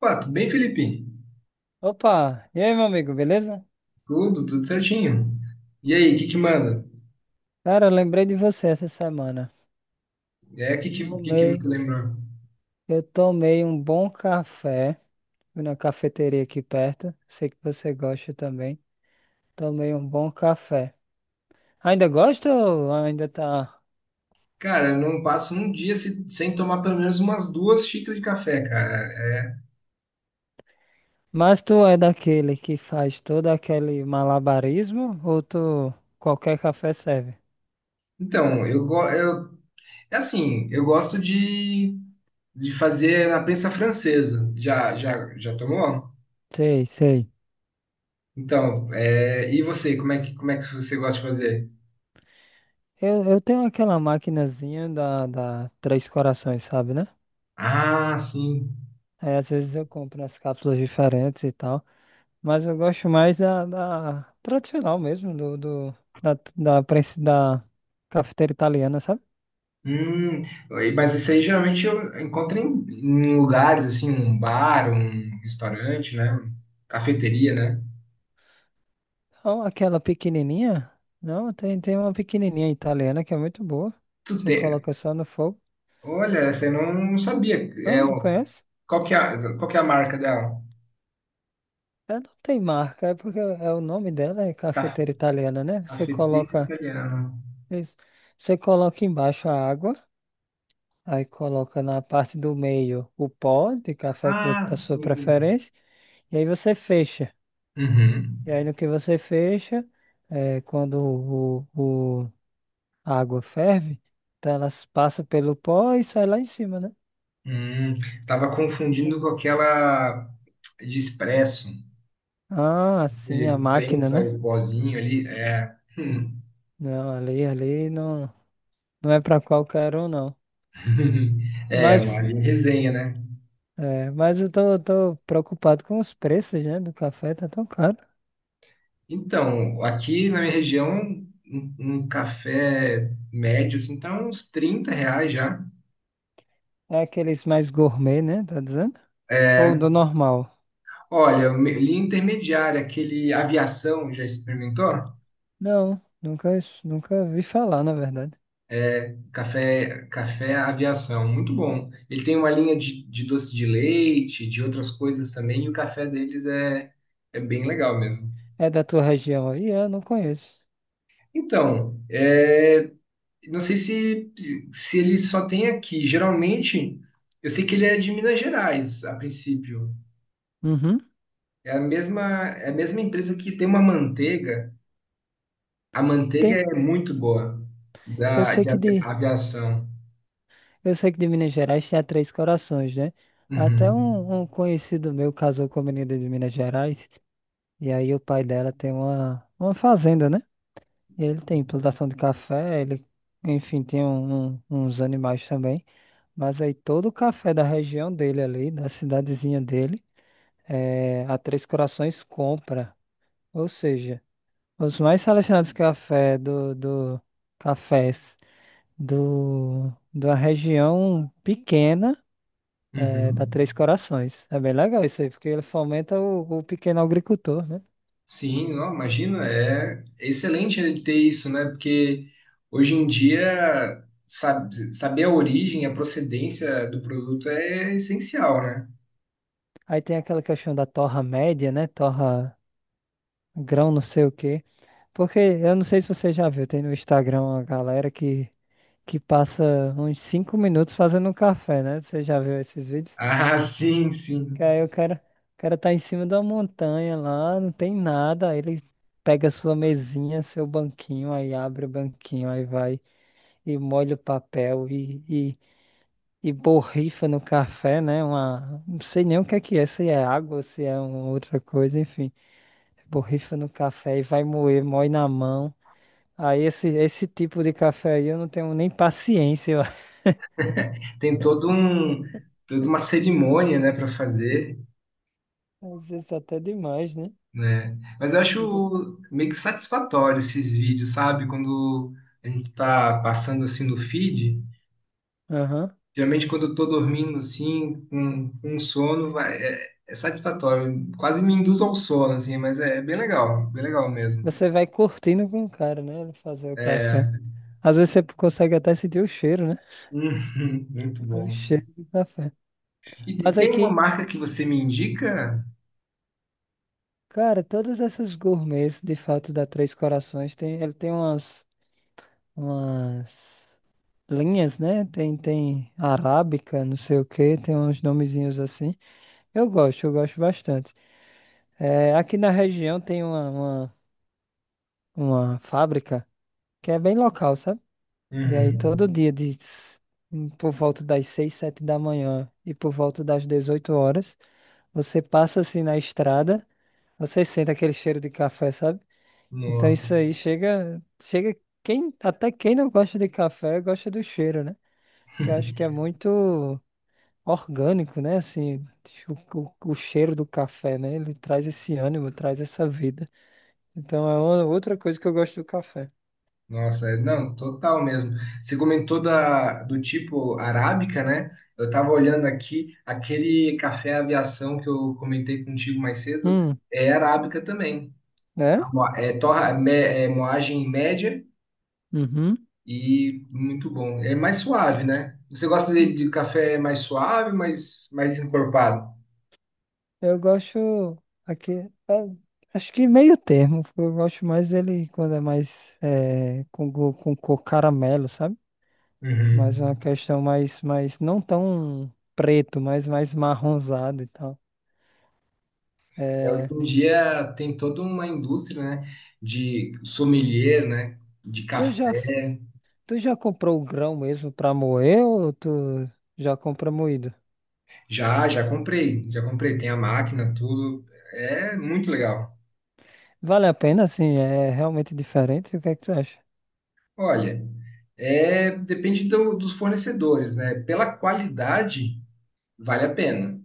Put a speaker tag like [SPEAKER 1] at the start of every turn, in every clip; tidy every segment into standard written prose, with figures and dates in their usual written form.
[SPEAKER 1] Pá, tudo bem, Felipe?
[SPEAKER 2] Opa, e aí, meu amigo, beleza?
[SPEAKER 1] Tudo certinho. E aí, o que que manda?
[SPEAKER 2] Cara, eu lembrei de você essa semana.
[SPEAKER 1] É, o que que você
[SPEAKER 2] Tomei,
[SPEAKER 1] lembrou?
[SPEAKER 2] eu tomei um bom café. Fui na cafeteria aqui perto. Sei que você gosta também. Tomei um bom café. Ainda gosta ou ainda tá?
[SPEAKER 1] Cara, eu não passo um dia sem tomar pelo menos umas duas xícaras de café, cara. É,
[SPEAKER 2] Mas tu é daquele que faz todo aquele malabarismo ou tu qualquer café serve?
[SPEAKER 1] Então, eu é assim, eu gosto de fazer na prensa francesa. Já tomou?
[SPEAKER 2] Sei, sei.
[SPEAKER 1] Então, e você, como é que você gosta de fazer?
[SPEAKER 2] Eu tenho aquela maquinazinha da Três Corações, sabe, né?
[SPEAKER 1] Ah, sim.
[SPEAKER 2] Aí às vezes eu compro as cápsulas diferentes e tal. Mas eu gosto mais da tradicional mesmo, do, do, da, da, prensa- da cafeteira italiana, sabe?
[SPEAKER 1] Hum, mas isso aí geralmente eu encontro em lugares assim, um bar, um restaurante, né? Cafeteria, né?
[SPEAKER 2] Não, aquela pequenininha. Não, tem uma pequenininha italiana que é muito boa.
[SPEAKER 1] Tu
[SPEAKER 2] Você
[SPEAKER 1] tem.
[SPEAKER 2] coloca só no fogo.
[SPEAKER 1] Olha, essa eu não sabia. É,
[SPEAKER 2] Não, não
[SPEAKER 1] o-
[SPEAKER 2] conhece?
[SPEAKER 1] qual que é a marca dela?
[SPEAKER 2] Ela não tem marca, é porque é o nome dela é
[SPEAKER 1] Ca-
[SPEAKER 2] cafeteira italiana, né? Você
[SPEAKER 1] Cafeteira
[SPEAKER 2] coloca,
[SPEAKER 1] italiana.
[SPEAKER 2] isso. Você coloca embaixo a água, aí coloca na parte do meio o pó de café
[SPEAKER 1] Ah,
[SPEAKER 2] da sua
[SPEAKER 1] sim.
[SPEAKER 2] preferência, e aí você fecha.
[SPEAKER 1] Uhum.
[SPEAKER 2] E aí no que você fecha, é, quando o- a água ferve, então elas passam pelo pó e sai lá em cima, né?
[SPEAKER 1] Hum, tava
[SPEAKER 2] Então,
[SPEAKER 1] confundindo com aquela de expresso,
[SPEAKER 2] ah, sim, a
[SPEAKER 1] de
[SPEAKER 2] máquina,
[SPEAKER 1] prensa,
[SPEAKER 2] né?
[SPEAKER 1] o pozinho ali. É.
[SPEAKER 2] Não, ali, ali não, não é para qualquer um, não.
[SPEAKER 1] É, uma
[SPEAKER 2] Mas,
[SPEAKER 1] linha resenha, né?
[SPEAKER 2] é, mas eu tô, preocupado com os preços, né? Do café, tá tão caro.
[SPEAKER 1] Então, aqui na minha região, um café médio, assim, tá uns 30 reais já.
[SPEAKER 2] É aqueles mais gourmet, né? Tá dizendo? Ou
[SPEAKER 1] É,
[SPEAKER 2] do normal?
[SPEAKER 1] olha, linha intermediária, aquele aviação, já experimentou?
[SPEAKER 2] Não, nunca vi falar, na verdade.
[SPEAKER 1] É, café aviação, muito bom. Ele tem uma linha de doce de leite, de outras coisas também, e o café deles é bem legal mesmo.
[SPEAKER 2] É da tua região aí? É, eu não conheço.
[SPEAKER 1] Então, não sei se ele só tem aqui. Geralmente, eu sei que ele é de Minas Gerais, a princípio.
[SPEAKER 2] Uhum.
[SPEAKER 1] É a mesma, é a mesma empresa que tem uma manteiga. A manteiga
[SPEAKER 2] Tem,
[SPEAKER 1] é muito boa
[SPEAKER 2] eu
[SPEAKER 1] da,
[SPEAKER 2] sei
[SPEAKER 1] de
[SPEAKER 2] que
[SPEAKER 1] avi-
[SPEAKER 2] de
[SPEAKER 1] aviação.
[SPEAKER 2] Eu sei que de Minas Gerais tem a Três Corações, né? Até
[SPEAKER 1] Uhum.
[SPEAKER 2] um, um conhecido meu casou com a menina de Minas Gerais, e aí o pai dela tem uma fazenda, né? E ele tem plantação de café, ele, enfim, tem uns animais também. Mas aí todo o café da região dele ali, da cidadezinha dele, é, a Três Corações compra. Ou seja, os mais selecionados cafés da região pequena. É, da
[SPEAKER 1] Uhum.
[SPEAKER 2] Três Corações. É bem legal isso aí, porque ele fomenta o pequeno agricultor, né?
[SPEAKER 1] Sim, não, imagina, é excelente ele ter isso, né? Porque hoje em dia saber a origem, a procedência do produto é essencial, né?
[SPEAKER 2] Aí tem aquela questão da torra média, né? Torra grão, não sei o quê. Porque eu não sei se você já viu, tem no Instagram uma galera que, passa uns 5 minutos fazendo um café, né? Você já viu esses vídeos?
[SPEAKER 1] Ah, sim, sim.
[SPEAKER 2] Que aí o cara tá em cima da montanha lá, não tem nada, aí ele pega sua mesinha, seu banquinho, aí abre o banquinho, aí vai e molha o papel e borrifa no café, né? Uma, não sei nem o que é, se é água, se é uma outra coisa, enfim. Borrifa no café e vai moer, moe na mão. Aí esse tipo de café aí eu não tenho nem paciência, eu acho.
[SPEAKER 1] Tem toda uma cerimônia, né, para fazer.
[SPEAKER 2] Às vezes até demais, né?
[SPEAKER 1] Né? Mas eu
[SPEAKER 2] Fica-
[SPEAKER 1] acho meio que satisfatório esses vídeos, sabe? Quando a gente tá passando assim no feed,
[SPEAKER 2] Aham.
[SPEAKER 1] geralmente quando eu tô dormindo assim, com sono, é satisfatório. Quase me induz ao sono, assim, mas é bem legal mesmo.
[SPEAKER 2] Você vai curtindo com o cara, né? Ele fazer o café.
[SPEAKER 1] É,
[SPEAKER 2] Às vezes você consegue até sentir o cheiro, né?
[SPEAKER 1] muito
[SPEAKER 2] O
[SPEAKER 1] bom.
[SPEAKER 2] cheiro do café.
[SPEAKER 1] E
[SPEAKER 2] Mas
[SPEAKER 1] tem uma
[SPEAKER 2] aqui,
[SPEAKER 1] marca que você me indica?
[SPEAKER 2] cara, todas essas gourmets, de fato, da Três Corações, tem, ele tem umas, umas linhas, né? Tem, tem arábica, não sei o que, tem uns nomezinhos assim. Eu gosto bastante. É, aqui na região tem uma fábrica que é bem local, sabe? E aí
[SPEAKER 1] Uhum.
[SPEAKER 2] todo dia, por volta das 6 7 da manhã e por volta das 18 horas, você passa assim na estrada, você sente aquele cheiro de café, sabe? Então
[SPEAKER 1] Nossa.
[SPEAKER 2] isso aí chega, chega quem, até quem não gosta de café gosta do cheiro, né? Que eu acho que é muito orgânico, né? Assim, o cheiro do café, né? Ele traz esse ânimo, traz essa vida. Então é outra coisa que eu gosto do café.
[SPEAKER 1] Nossa, não, total mesmo. Você comentou do tipo arábica, né? Eu tava olhando aqui, aquele café aviação que eu comentei contigo mais cedo
[SPEAKER 2] Hum,
[SPEAKER 1] é arábica também. A
[SPEAKER 2] né?
[SPEAKER 1] moa- É, torra, é moagem média
[SPEAKER 2] Uhum.
[SPEAKER 1] e muito bom. É mais suave, né? Você gosta de,
[SPEAKER 2] Hum,
[SPEAKER 1] de café mais suave, mais encorpado?
[SPEAKER 2] Eu gosto aqui, é, acho que meio termo. Eu gosto mais dele quando é mais é, com cor caramelo, sabe? Mas uma
[SPEAKER 1] Uhum.
[SPEAKER 2] questão mais não tão preto, mas mais marronzado e tal.
[SPEAKER 1] É, hoje
[SPEAKER 2] É,
[SPEAKER 1] em dia tem toda uma indústria, né, de sommelier, né, de
[SPEAKER 2] tu já
[SPEAKER 1] café.
[SPEAKER 2] tu já comprou o grão mesmo pra moer ou tu já compra moído?
[SPEAKER 1] Já comprei, tem a máquina, tudo. É muito legal.
[SPEAKER 2] Vale a pena, assim, é realmente diferente. O que é que tu acha?
[SPEAKER 1] Olha, depende dos fornecedores, né? Pela qualidade, vale a pena.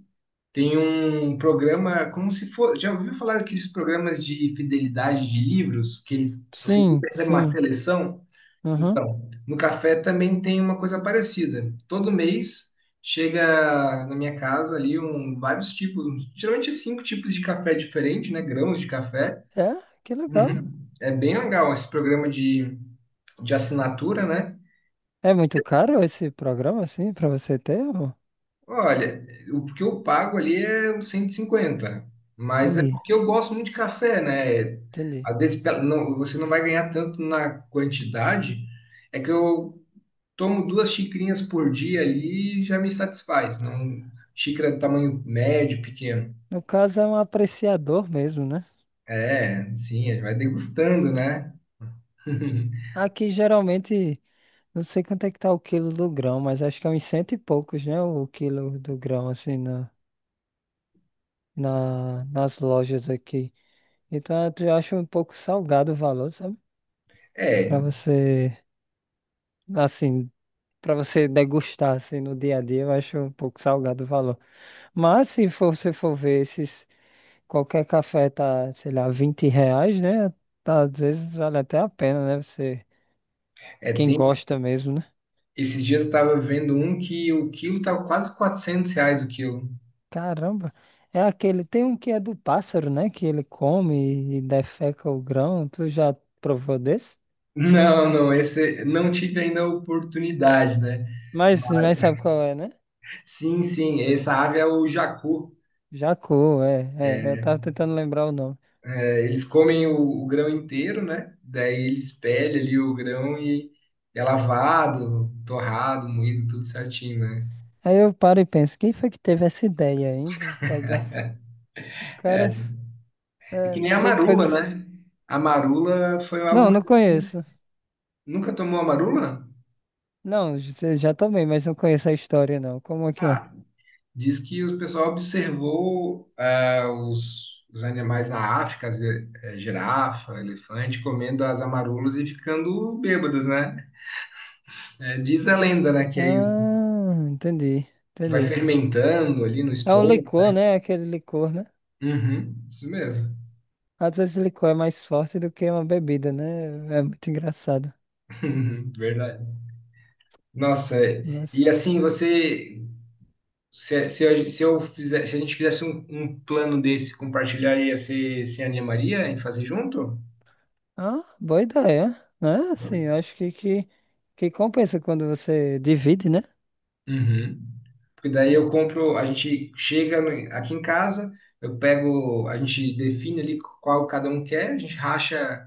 [SPEAKER 1] Tem um programa como se for, já ouviu falar daqueles programas de fidelidade de livros que eles, você sempre
[SPEAKER 2] Sim,
[SPEAKER 1] recebe uma
[SPEAKER 2] sim.
[SPEAKER 1] seleção?
[SPEAKER 2] Aham.
[SPEAKER 1] Então, no café também tem uma coisa parecida. Todo mês chega na minha casa ali vários tipos, geralmente é cinco tipos de café diferente, né? Grãos de café.
[SPEAKER 2] É, que legal.
[SPEAKER 1] Uhum. É bem legal esse programa de assinatura, né?
[SPEAKER 2] É muito caro esse programa, assim, pra você ter? Ou
[SPEAKER 1] Olha, o que eu pago ali é uns 150, mas é
[SPEAKER 2] entendi,
[SPEAKER 1] porque eu gosto muito de café, né?
[SPEAKER 2] entendi.
[SPEAKER 1] Às vezes você não vai ganhar tanto na quantidade, é que eu tomo duas xicrinhas por dia ali e já me satisfaz. Não, xícara de tamanho médio, pequeno.
[SPEAKER 2] No caso, é um apreciador mesmo, né?
[SPEAKER 1] É, sim, vai degustando, né?
[SPEAKER 2] Aqui, geralmente, não sei quanto é que tá o quilo do grão, mas acho que é uns cento e poucos, né? O quilo do grão, assim, na, nas lojas aqui. Então, eu acho um pouco salgado o valor, sabe? Para
[SPEAKER 1] É,
[SPEAKER 2] você, assim, para você degustar assim no dia a dia, eu acho um pouco salgado o valor. Mas se for- você for ver esses, qualquer café tá, sei lá, R$ 20, né? Tá, às vezes vale até a pena, né? Você,
[SPEAKER 1] é,
[SPEAKER 2] quem gosta mesmo, né?
[SPEAKER 1] Esses dias eu tava vendo um que o quilo tava quase 400 reais o quilo.
[SPEAKER 2] Caramba, é aquele, tem um que é do pássaro, né? Que ele come e defeca o grão. Tu já provou desse?
[SPEAKER 1] Não, não, esse não tive ainda a oportunidade, né?
[SPEAKER 2] Mas sabe qual é, né?
[SPEAKER 1] Sim, sim, essa ave é o jacu.
[SPEAKER 2] Jacu, é, é. É. Eu tava tentando lembrar o nome.
[SPEAKER 1] É, eles comem o grão inteiro, né? Daí eles pelham ali o grão e é lavado, torrado, moído, tudo certinho, né?
[SPEAKER 2] Aí eu paro e penso, quem foi que teve essa ideia ainda? Pegar. Cara,
[SPEAKER 1] É que
[SPEAKER 2] é,
[SPEAKER 1] nem a
[SPEAKER 2] tem
[SPEAKER 1] marula,
[SPEAKER 2] coisas.
[SPEAKER 1] né? A marula foi algo
[SPEAKER 2] Não, não
[SPEAKER 1] mais ou menos assim.
[SPEAKER 2] conheço.
[SPEAKER 1] Nunca tomou a marula?
[SPEAKER 2] Não, já tomei, mas não conheço a história, não. Como é que é?
[SPEAKER 1] Diz que o pessoal observou os animais na África, girafa, elefante, comendo as amarulas e ficando bêbados, né? É, diz a lenda, né, que é isso,
[SPEAKER 2] Ah, entendi,
[SPEAKER 1] que vai
[SPEAKER 2] entendi.
[SPEAKER 1] fermentando ali no
[SPEAKER 2] É um
[SPEAKER 1] estômago.
[SPEAKER 2] licor, né? Aquele licor, né?
[SPEAKER 1] Uhum, isso mesmo.
[SPEAKER 2] Às vezes licor é mais forte do que uma bebida, né? É é muito engraçado.
[SPEAKER 1] Verdade. Nossa,
[SPEAKER 2] Mas.
[SPEAKER 1] e assim, você, se, a, se eu fizer, se a gente fizesse um plano desse, compartilharia, você se animaria em fazer junto?
[SPEAKER 2] Ah, boa ideia, né? Assim, eu acho que, compensa quando você divide, né?
[SPEAKER 1] Uhum. Porque daí eu compro, a gente chega aqui em casa, eu pego, a gente define ali qual cada um quer, a gente racha,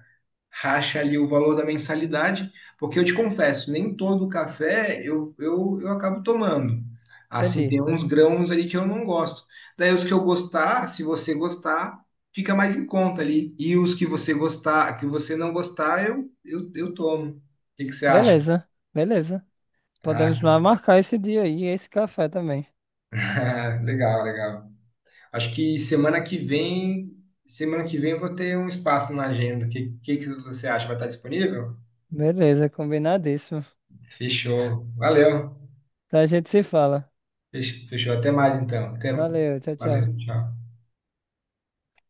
[SPEAKER 1] racha ali o valor da mensalidade, porque eu te confesso, nem todo café eu acabo tomando. Assim,
[SPEAKER 2] Entendi.
[SPEAKER 1] tem uns grãos ali que eu não gosto. Daí os que eu gostar, se você gostar, fica mais em conta ali. E os que você gostar, que você não gostar, eu tomo. O que que você acha?
[SPEAKER 2] Beleza, beleza.
[SPEAKER 1] Ah,
[SPEAKER 2] Podemos marcar esse dia aí, e esse café também.
[SPEAKER 1] legal, legal. Acho que semana que vem eu vou ter um espaço na agenda. O que que você acha? Vai estar disponível?
[SPEAKER 2] Beleza, combinadíssimo.
[SPEAKER 1] Fechou. Valeu.
[SPEAKER 2] Então a gente se fala.
[SPEAKER 1] Fechou. Até mais então. Até.
[SPEAKER 2] Valeu, tchau, tchau.
[SPEAKER 1] Valeu. Tchau.